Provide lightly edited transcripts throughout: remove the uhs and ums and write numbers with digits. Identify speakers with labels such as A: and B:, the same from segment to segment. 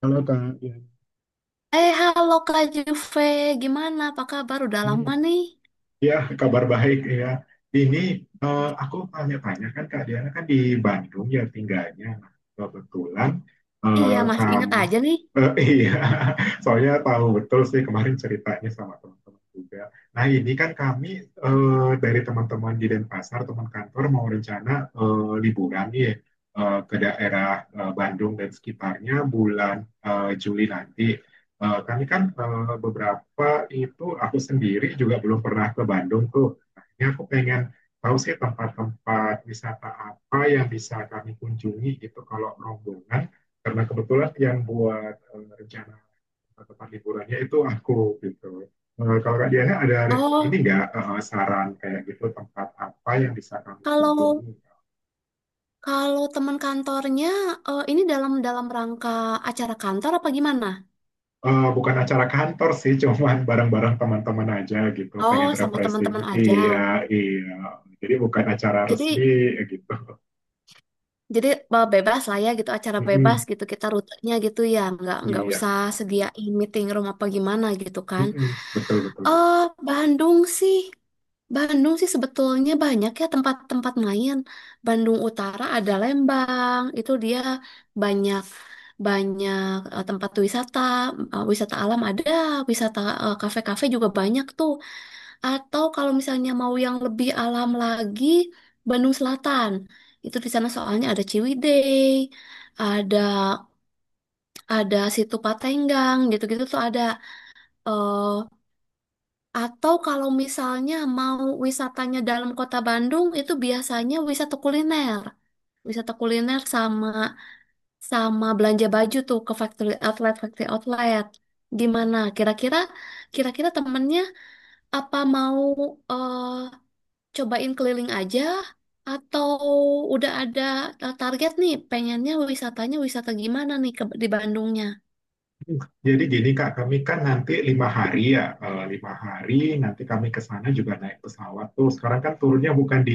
A: Halo Kak, ya.
B: Halo Kak Juve, gimana? Apa kabar? Udah lama nih.
A: Ya, kabar baik ya. Ini aku tanya-tanya, kan Kak Diana kan di Bandung ya tinggalnya. Nah, kebetulan eh,
B: Iya, masih inget
A: kamu,
B: aja nih.
A: iya, soalnya tahu betul sih kemarin ceritanya sama teman-teman juga. Nah ini kan kami eh, dari teman-teman di Denpasar, teman kantor mau rencana liburan nih ke daerah Bandung dan sekitarnya bulan Juli nanti. Kami kan eh, beberapa Wah, itu aku sendiri juga belum pernah ke Bandung tuh. Akhirnya aku pengen tahu sih tempat-tempat wisata apa yang bisa kami kunjungi gitu kalau rombongan. Karena kebetulan yang buat rencana tempat liburannya itu aku gitu. Kalau Kak Diana ada ini
B: Oh,
A: nggak saran kayak gitu tempat apa yang bisa kami
B: kalau
A: kunjungi?
B: kalau teman kantornya, ini dalam dalam rangka acara kantor apa gimana?
A: Bukan acara kantor sih, cuman bareng-bareng teman-teman aja gitu,
B: Oh,
A: pengen
B: sama
A: refreshing.
B: teman-teman aja.
A: Iya, iya. Jadi bukan acara resmi
B: Jadi
A: gitu.
B: Jadi bebas lah ya gitu, acara bebas
A: Mhm,
B: gitu, kita rutenya gitu ya, nggak
A: iya,
B: usah sediain meeting room apa gimana gitu kan.
A: mhm, betul betul.
B: Eh Bandung sih, Bandung sih sebetulnya banyak ya tempat-tempat main. Bandung Utara ada Lembang, itu dia banyak banyak eh, tempat wisata. Eh, wisata alam ada, wisata kafe-kafe juga banyak tuh. Atau kalau misalnya mau yang lebih alam lagi, Bandung Selatan. Itu di sana soalnya ada Ciwidey, ada ada situ Patenggang, gitu-gitu tuh ada. eh atau kalau misalnya mau wisatanya dalam kota Bandung, itu biasanya wisata kuliner. Wisata kuliner sama sama belanja baju tuh ke factory outlet, factory outlet. Gimana? Kira-kira temennya apa mau eh, cobain keliling aja atau udah ada target nih pengennya wisatanya wisata gimana nih ke, di Bandungnya?
A: Jadi gini Kak, kami kan nanti 5 hari ya. 5 hari nanti kami ke sana juga naik pesawat tuh. Sekarang kan turunnya bukan di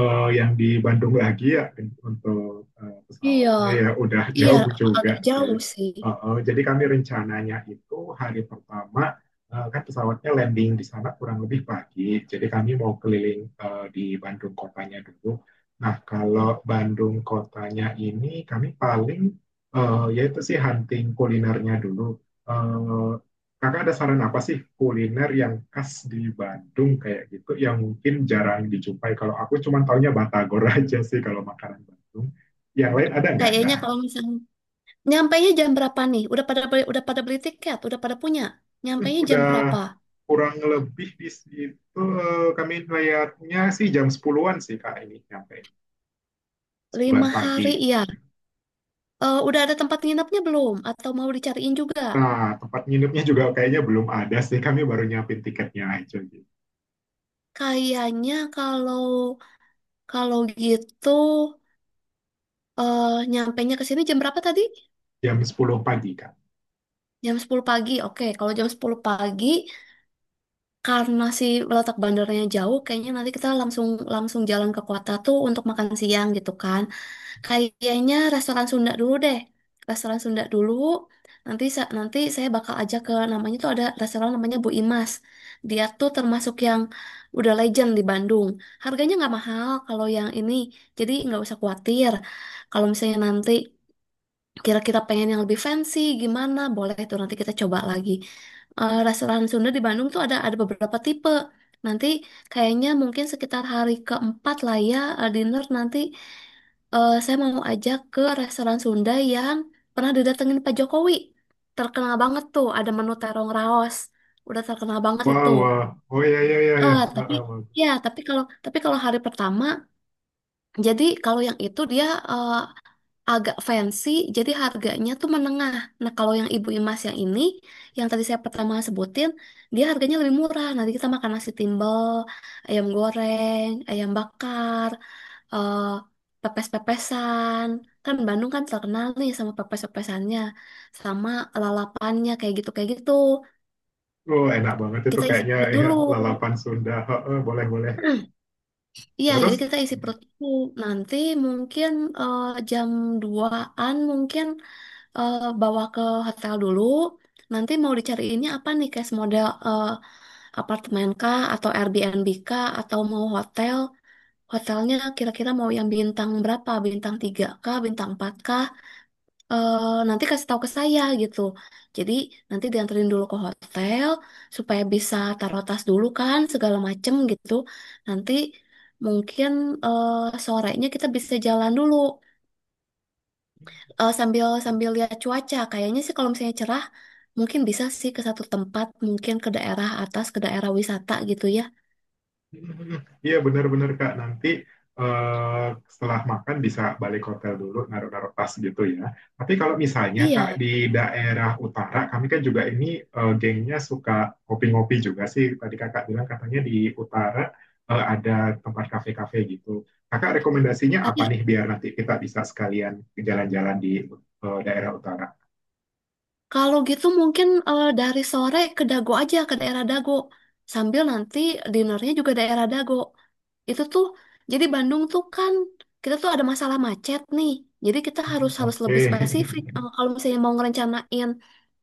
A: yang di Bandung lagi ya untuk
B: Iya,
A: pesawatnya, ya udah
B: iya
A: jauh juga
B: agak
A: sih.
B: jauh sih.
A: Jadi kami rencananya itu hari pertama kan pesawatnya landing di sana kurang lebih pagi. Jadi kami mau keliling di Bandung kotanya dulu. Nah kalau Bandung kotanya ini kami paling ya itu sih hunting kulinernya dulu. Eh, Kakak ada saran apa sih kuliner yang khas di Bandung kayak gitu yang mungkin jarang dijumpai? Kalau aku cuma taunya Batagor aja sih kalau makanan Bandung. Yang lain ada nggak,
B: Kayaknya
A: Kak?
B: kalau misalnya nyampainya jam berapa nih? Udah pada beli tiket, udah pada punya. Nyampainya jam berapa?
A: Udah kurang lebih di situ kami layaknya sih jam 10-an sih, Kak, ini nyampe sepuluhan
B: Lima hari
A: pagi.
B: ya. Eh, udah ada tempat nginepnya belum? Atau mau dicariin juga?
A: Nah, tempat nginepnya juga kayaknya belum ada sih. Kami baru nyiapin tiketnya aja gitu.
B: Kayaknya kalau kalau gitu nyampainya ke sini jam berapa tadi?
A: Jam 10 pagi, Kak.
B: Jam 10 pagi, oke. Kalau jam 10 pagi, karena si letak bandaranya jauh, kayaknya nanti kita langsung langsung jalan ke kota tuh untuk makan siang gitu kan. Kayaknya restoran Sunda dulu deh. Restoran Sunda dulu. Nanti saya bakal ajak ke namanya tuh ada restoran namanya Bu Imas. Dia tuh termasuk yang udah legend di Bandung. Harganya nggak mahal kalau yang ini, jadi nggak usah khawatir. Kalau misalnya nanti kira-kira pengen yang lebih fancy gimana boleh tuh nanti kita coba lagi. Eh, restoran Sunda di Bandung tuh ada beberapa tipe, nanti kayaknya mungkin sekitar hari keempat lah ya dinner nanti, saya mau ajak ke restoran Sunda yang pernah didatengin Pak Jokowi, terkenal banget tuh ada menu terong raos, udah terkenal banget
A: Wow,
B: itu.
A: wow. Oh iya, iya, iya, iya.
B: eh tapi
A: Heeh, wow.
B: ya tapi kalau tapi kalau hari pertama, jadi kalau yang itu dia eh, agak fancy, jadi harganya tuh menengah. Nah, kalau yang Ibu Imas yang ini, yang tadi saya pertama sebutin, dia harganya lebih murah. Nanti kita makan nasi timbel, ayam goreng, ayam bakar, eh, pepes-pepesan. Kan Bandung kan terkenal nih sama pepes-pepesannya, sama lalapannya kayak gitu kayak gitu.
A: Oh, enak banget itu
B: Kita isi
A: kayaknya
B: perut
A: ya,
B: dulu.
A: lalapan Sunda. Heeh, boleh, boleh.
B: Iya, jadi
A: Terus,
B: kita isi perut dulu. Nanti mungkin eh, jam duaan mungkin bawa ke hotel dulu. Nanti mau dicariinnya apa nih, case model apartemen kah atau Airbnb kah atau mau hotel? Hotelnya kira-kira mau yang bintang berapa? Bintang 3 kah, bintang 4 kah? Nanti kasih tahu ke saya gitu. Jadi nanti dianterin dulu ke hotel supaya bisa taruh tas dulu kan segala macem gitu. Nanti mungkin sorenya kita bisa jalan dulu, sambil sambil lihat cuaca. Kayaknya sih kalau misalnya cerah, mungkin bisa sih ke satu tempat, mungkin ke daerah atas, ke daerah wisata gitu ya.
A: iya benar-benar Kak, nanti eh, setelah makan bisa balik hotel dulu, naruh-naruh tas gitu ya. Tapi kalau misalnya Kak
B: Iya,
A: di daerah utara, kami kan juga ini gengnya suka ngopi-ngopi juga sih. Tadi Kakak bilang katanya di utara ada tempat kafe-kafe gitu. Kakak rekomendasinya apa
B: ada.
A: nih biar nanti kita bisa sekalian jalan-jalan di daerah utara?
B: Kalau gitu mungkin dari sore ke Dago aja ke daerah Dago. Sambil nanti dinernya juga daerah Dago. Itu tuh jadi Bandung tuh kan kita tuh ada masalah macet nih. Jadi kita harus harus lebih
A: Oke.
B: spesifik. Eh, kalau misalnya mau ngerencanain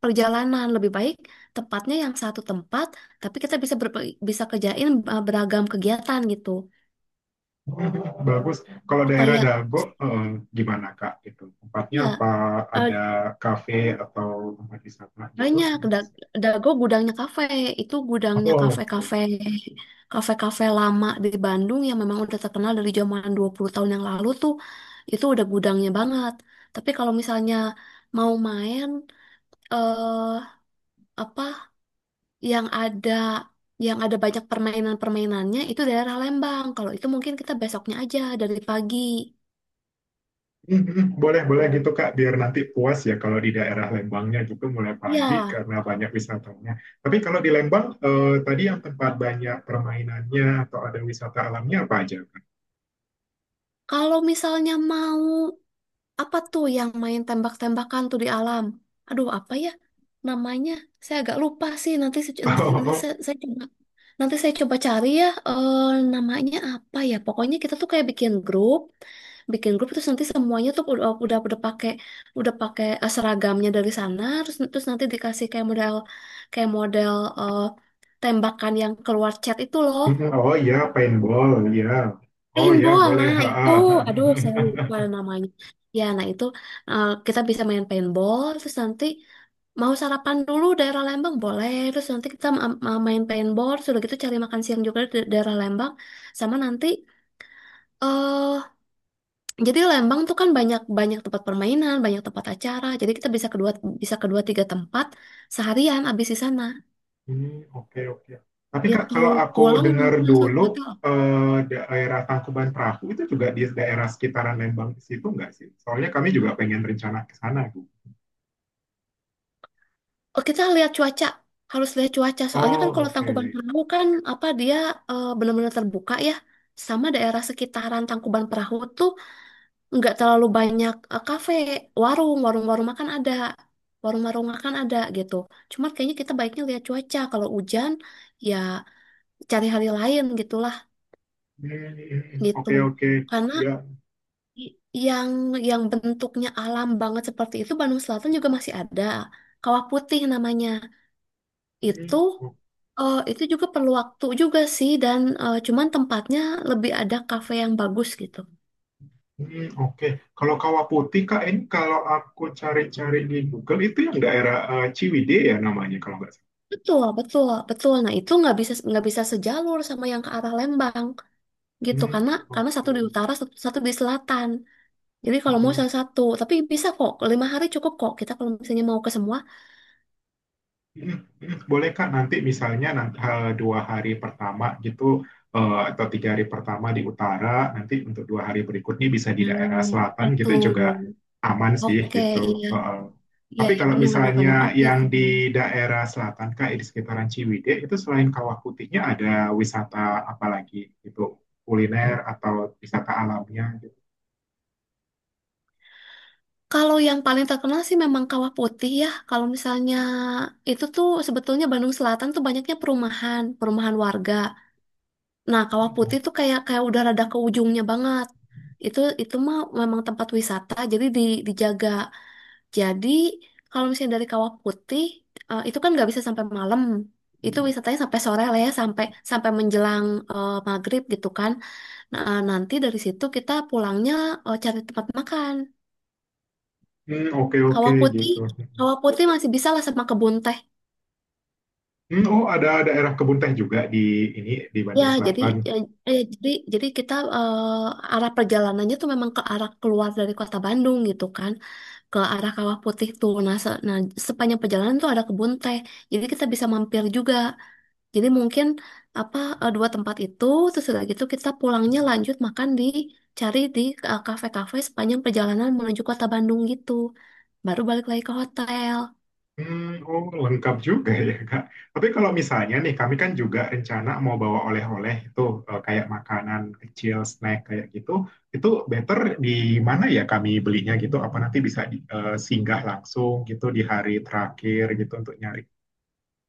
B: perjalanan lebih baik tepatnya yang satu tempat, tapi kita bisa kerjain beragam kegiatan gitu.
A: Bagus. Kalau daerah
B: Supaya
A: Dago, eh, gimana Kak? Gitu. Tempatnya
B: ya
A: apa? Ada kafe atau tempat wisata gitu?
B: banyak, Dago gudangnya kafe. Itu gudangnya
A: Oh, oke.
B: kafe-kafe lama di Bandung yang memang udah terkenal dari zaman 20 tahun yang lalu tuh. Itu udah gudangnya banget. Tapi kalau misalnya mau main eh apa yang ada, yang ada banyak permainan-permainannya itu daerah Lembang. Kalau itu mungkin kita besoknya aja dari pagi.
A: Boleh boleh gitu Kak. Biar nanti puas ya kalau di daerah Lembangnya gitu mulai pagi
B: Ya,
A: karena banyak wisatanya. Tapi kalau di Lembang, tadi yang tempat banyak permainannya atau ada wisata alamnya apa aja Kak?
B: kalau misalnya mau apa tuh yang main tembak-tembakan tuh di alam? Aduh, apa ya namanya? Saya agak lupa sih. Nanti se- nanti, nanti
A: Oh,
B: saya coba, nanti saya coba cari ya namanya apa ya. Pokoknya kita tuh kayak bikin grup terus nanti semuanya tuh udah pakai, udah pakai seragamnya dari sana. Terus terus nanti dikasih kayak model, kayak model eh, tembakan yang keluar chat itu loh.
A: oh, iya, paintball, iya. Oh
B: Main
A: iya,
B: bola
A: boleh.
B: nah,
A: Ha,
B: itu,
A: ha.
B: aduh saya lupa namanya. Ya, nah itu kita bisa main paintball, terus nanti mau sarapan dulu daerah Lembang boleh, terus nanti main paintball, sudah gitu cari makan siang juga di daerah Lembang, sama nanti eh jadi Lembang tuh kan banyak banyak tempat permainan, banyak tempat acara, jadi kita bisa kedua tiga tempat seharian abis di sana.
A: Hmm, oke oke. Tapi
B: Dia
A: Kak,
B: tuh
A: kalau aku
B: pulang
A: dengar
B: nanti langsung
A: dulu
B: ke hotel.
A: daerah Tangkuban Perahu itu juga di daerah sekitaran Lembang di situ nggak sih? Soalnya kami juga pengen rencana ke sana, Bu.
B: Oh, kita lihat cuaca, harus lihat cuaca. Soalnya kan
A: Oh,
B: kalau Tangkuban
A: oke.
B: Perahu kan apa dia benar-benar terbuka ya. Sama daerah sekitaran Tangkuban Perahu tuh nggak terlalu banyak kafe, warung, warung-warung makan ada, warung-warung makan ada gitu. Cuma kayaknya kita baiknya lihat cuaca. Kalau hujan ya cari hari lain gitulah gitu.
A: Oke oke.
B: Karena
A: Ya.
B: i- yang bentuknya alam banget seperti itu Bandung Selatan juga masih ada. Kawah Putih namanya. Itu
A: Hmm, o-
B: itu juga perlu waktu juga sih dan cuman tempatnya lebih ada kafe yang bagus gitu.
A: oke. Kalau Kawah Putih Kak, ini kalau aku cari-cari di Google itu yang daerah Ciwidey ya namanya kalau nggak salah.
B: Betul, betul, betul. Nah, itu nggak bisa sejalur sama yang ke arah Lembang gitu
A: Hmm,
B: karena satu di
A: oke.
B: utara, satu di selatan. Jadi kalau mau
A: Hmm,
B: salah satu, tapi bisa kok. Lima hari cukup kok. Kita kalau misalnya mau ke semua.
A: Boleh Kak, nanti misalnya nanti, 2 hari pertama gitu atau 3 hari pertama di utara, nanti untuk 2 hari berikutnya bisa di daerah
B: Nah,
A: selatan
B: oke
A: gitu juga
B: tuh.
A: aman sih
B: Oke,
A: gitu.
B: iya,
A: Eh, eh.
B: iya,
A: Tapi
B: iya,
A: kalau
B: benar-benar, benar,
A: misalnya
B: benar, benar. Oke
A: yang
B: tuh.
A: di daerah selatan Kak, di sekitaran Ciwidey itu selain Kawah Putihnya ada wisata apa lagi gitu, kuliner atau wisata alamnya gitu.
B: Kalau yang paling terkenal sih memang Kawah Putih ya. Kalau misalnya itu tuh sebetulnya Bandung Selatan tuh banyaknya perumahan, perumahan warga. Nah, Kawah Putih tuh kayak kayak udah rada ke ujungnya banget. Itu mah memang tempat wisata, jadi di, dijaga. Jadi kalau misalnya dari Kawah Putih itu kan nggak bisa sampai malam. Itu wisatanya sampai sore lah ya, sampai sampai menjelang maghrib gitu kan. Nah, nanti dari situ kita pulangnya cari tempat makan.
A: Oke oke
B: Kawah putih,
A: gitu.
B: kawah putih masih bisa lah sama kebun teh.
A: Oh ada daerah kebun teh juga di ini di
B: Ya,
A: Bandung
B: jadi
A: Selatan.
B: ya, jadi kita arah perjalanannya tuh memang ke arah keluar dari kota Bandung gitu kan, ke arah Kawah Putih tuh. Nah, sepanjang perjalanan tuh ada kebun teh. Jadi kita bisa mampir juga. Jadi mungkin apa, dua tempat itu, terus udah gitu kita pulangnya lanjut makan cari di kafe-kafe sepanjang perjalanan menuju kota Bandung gitu. Baru balik lagi ke hotel.
A: Oh, lengkap juga ya, Kak. Tapi kalau misalnya nih, kami kan juga rencana mau bawa oleh-oleh itu kayak makanan kecil, snack kayak gitu. Itu better di mana ya kami belinya gitu? Apa nanti bisa di, singgah langsung gitu di hari terakhir gitu untuk nyari?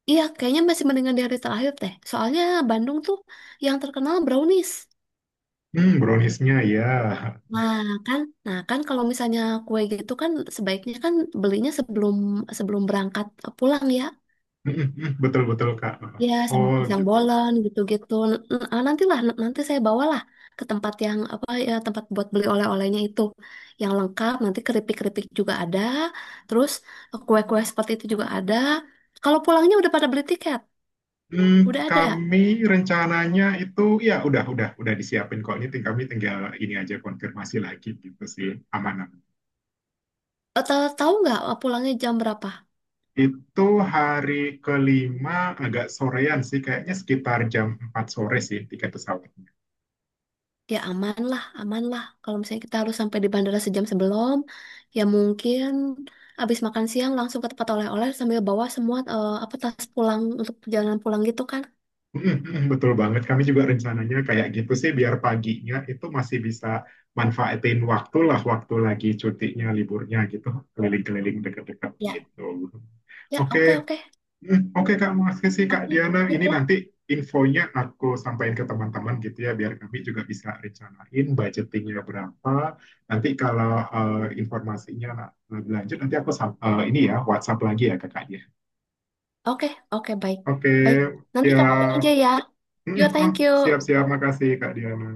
B: Iya, kayaknya masih mendingan dari terakhir teh. Soalnya Bandung tuh yang terkenal brownies.
A: Browniesnya ya.
B: Nah kan, nah kan, kalau misalnya kue gitu kan sebaiknya kan belinya sebelum sebelum berangkat pulang ya.
A: Betul-betul, Kak.
B: Ya sama
A: Oh,
B: pisang
A: gitu.
B: bolen gitu-gitu. Nanti saya bawalah ke tempat yang apa ya, tempat buat beli oleh-olehnya itu yang lengkap. Nanti keripik-keripik juga ada. Terus kue-kue seperti itu juga ada. Kalau pulangnya udah pada beli tiket,
A: Hmm,
B: udah ada.
A: Kami rencananya itu ya udah disiapin kok ini kami tinggal ini aja konfirmasi lagi gitu sih aman.
B: Tahu nggak pulangnya jam berapa?
A: Itu hari ke-5 agak sorean sih, kayaknya sekitar jam 4 sore sih tiket pesawatnya.
B: Ya aman lah, aman lah. Kalau misalnya kita harus sampai di bandara sejam sebelum, ya mungkin abis makan siang langsung ke tempat oleh-oleh sambil bawa semua eh, apa tas pulang untuk perjalanan pulang gitu kan?
A: Betul banget, kami juga rencananya kayak gitu sih, biar paginya itu masih bisa manfaatin waktu lah, waktu lagi cutinya, liburnya gitu, keliling-keliling deket-deket
B: Ya,
A: gitu.
B: ya
A: Oke.
B: oke oke
A: Oke Kak, makasih Kak
B: oke,
A: Diana.
B: sip
A: Ini
B: lah.
A: nanti infonya aku sampaikan ke teman-teman gitu ya, biar kami juga bisa rencanain budgetingnya berapa. Nanti kalau informasinya lebih lanjut, nanti aku ini ya WhatsApp lagi ya ke Kak Diana.
B: Oke oke baik
A: Oke,
B: baik. Nanti
A: ya.
B: kabarin aja ya. Yo
A: Mm, ah,
B: thank you.
A: Siap-siap. Makasih Kak Diana.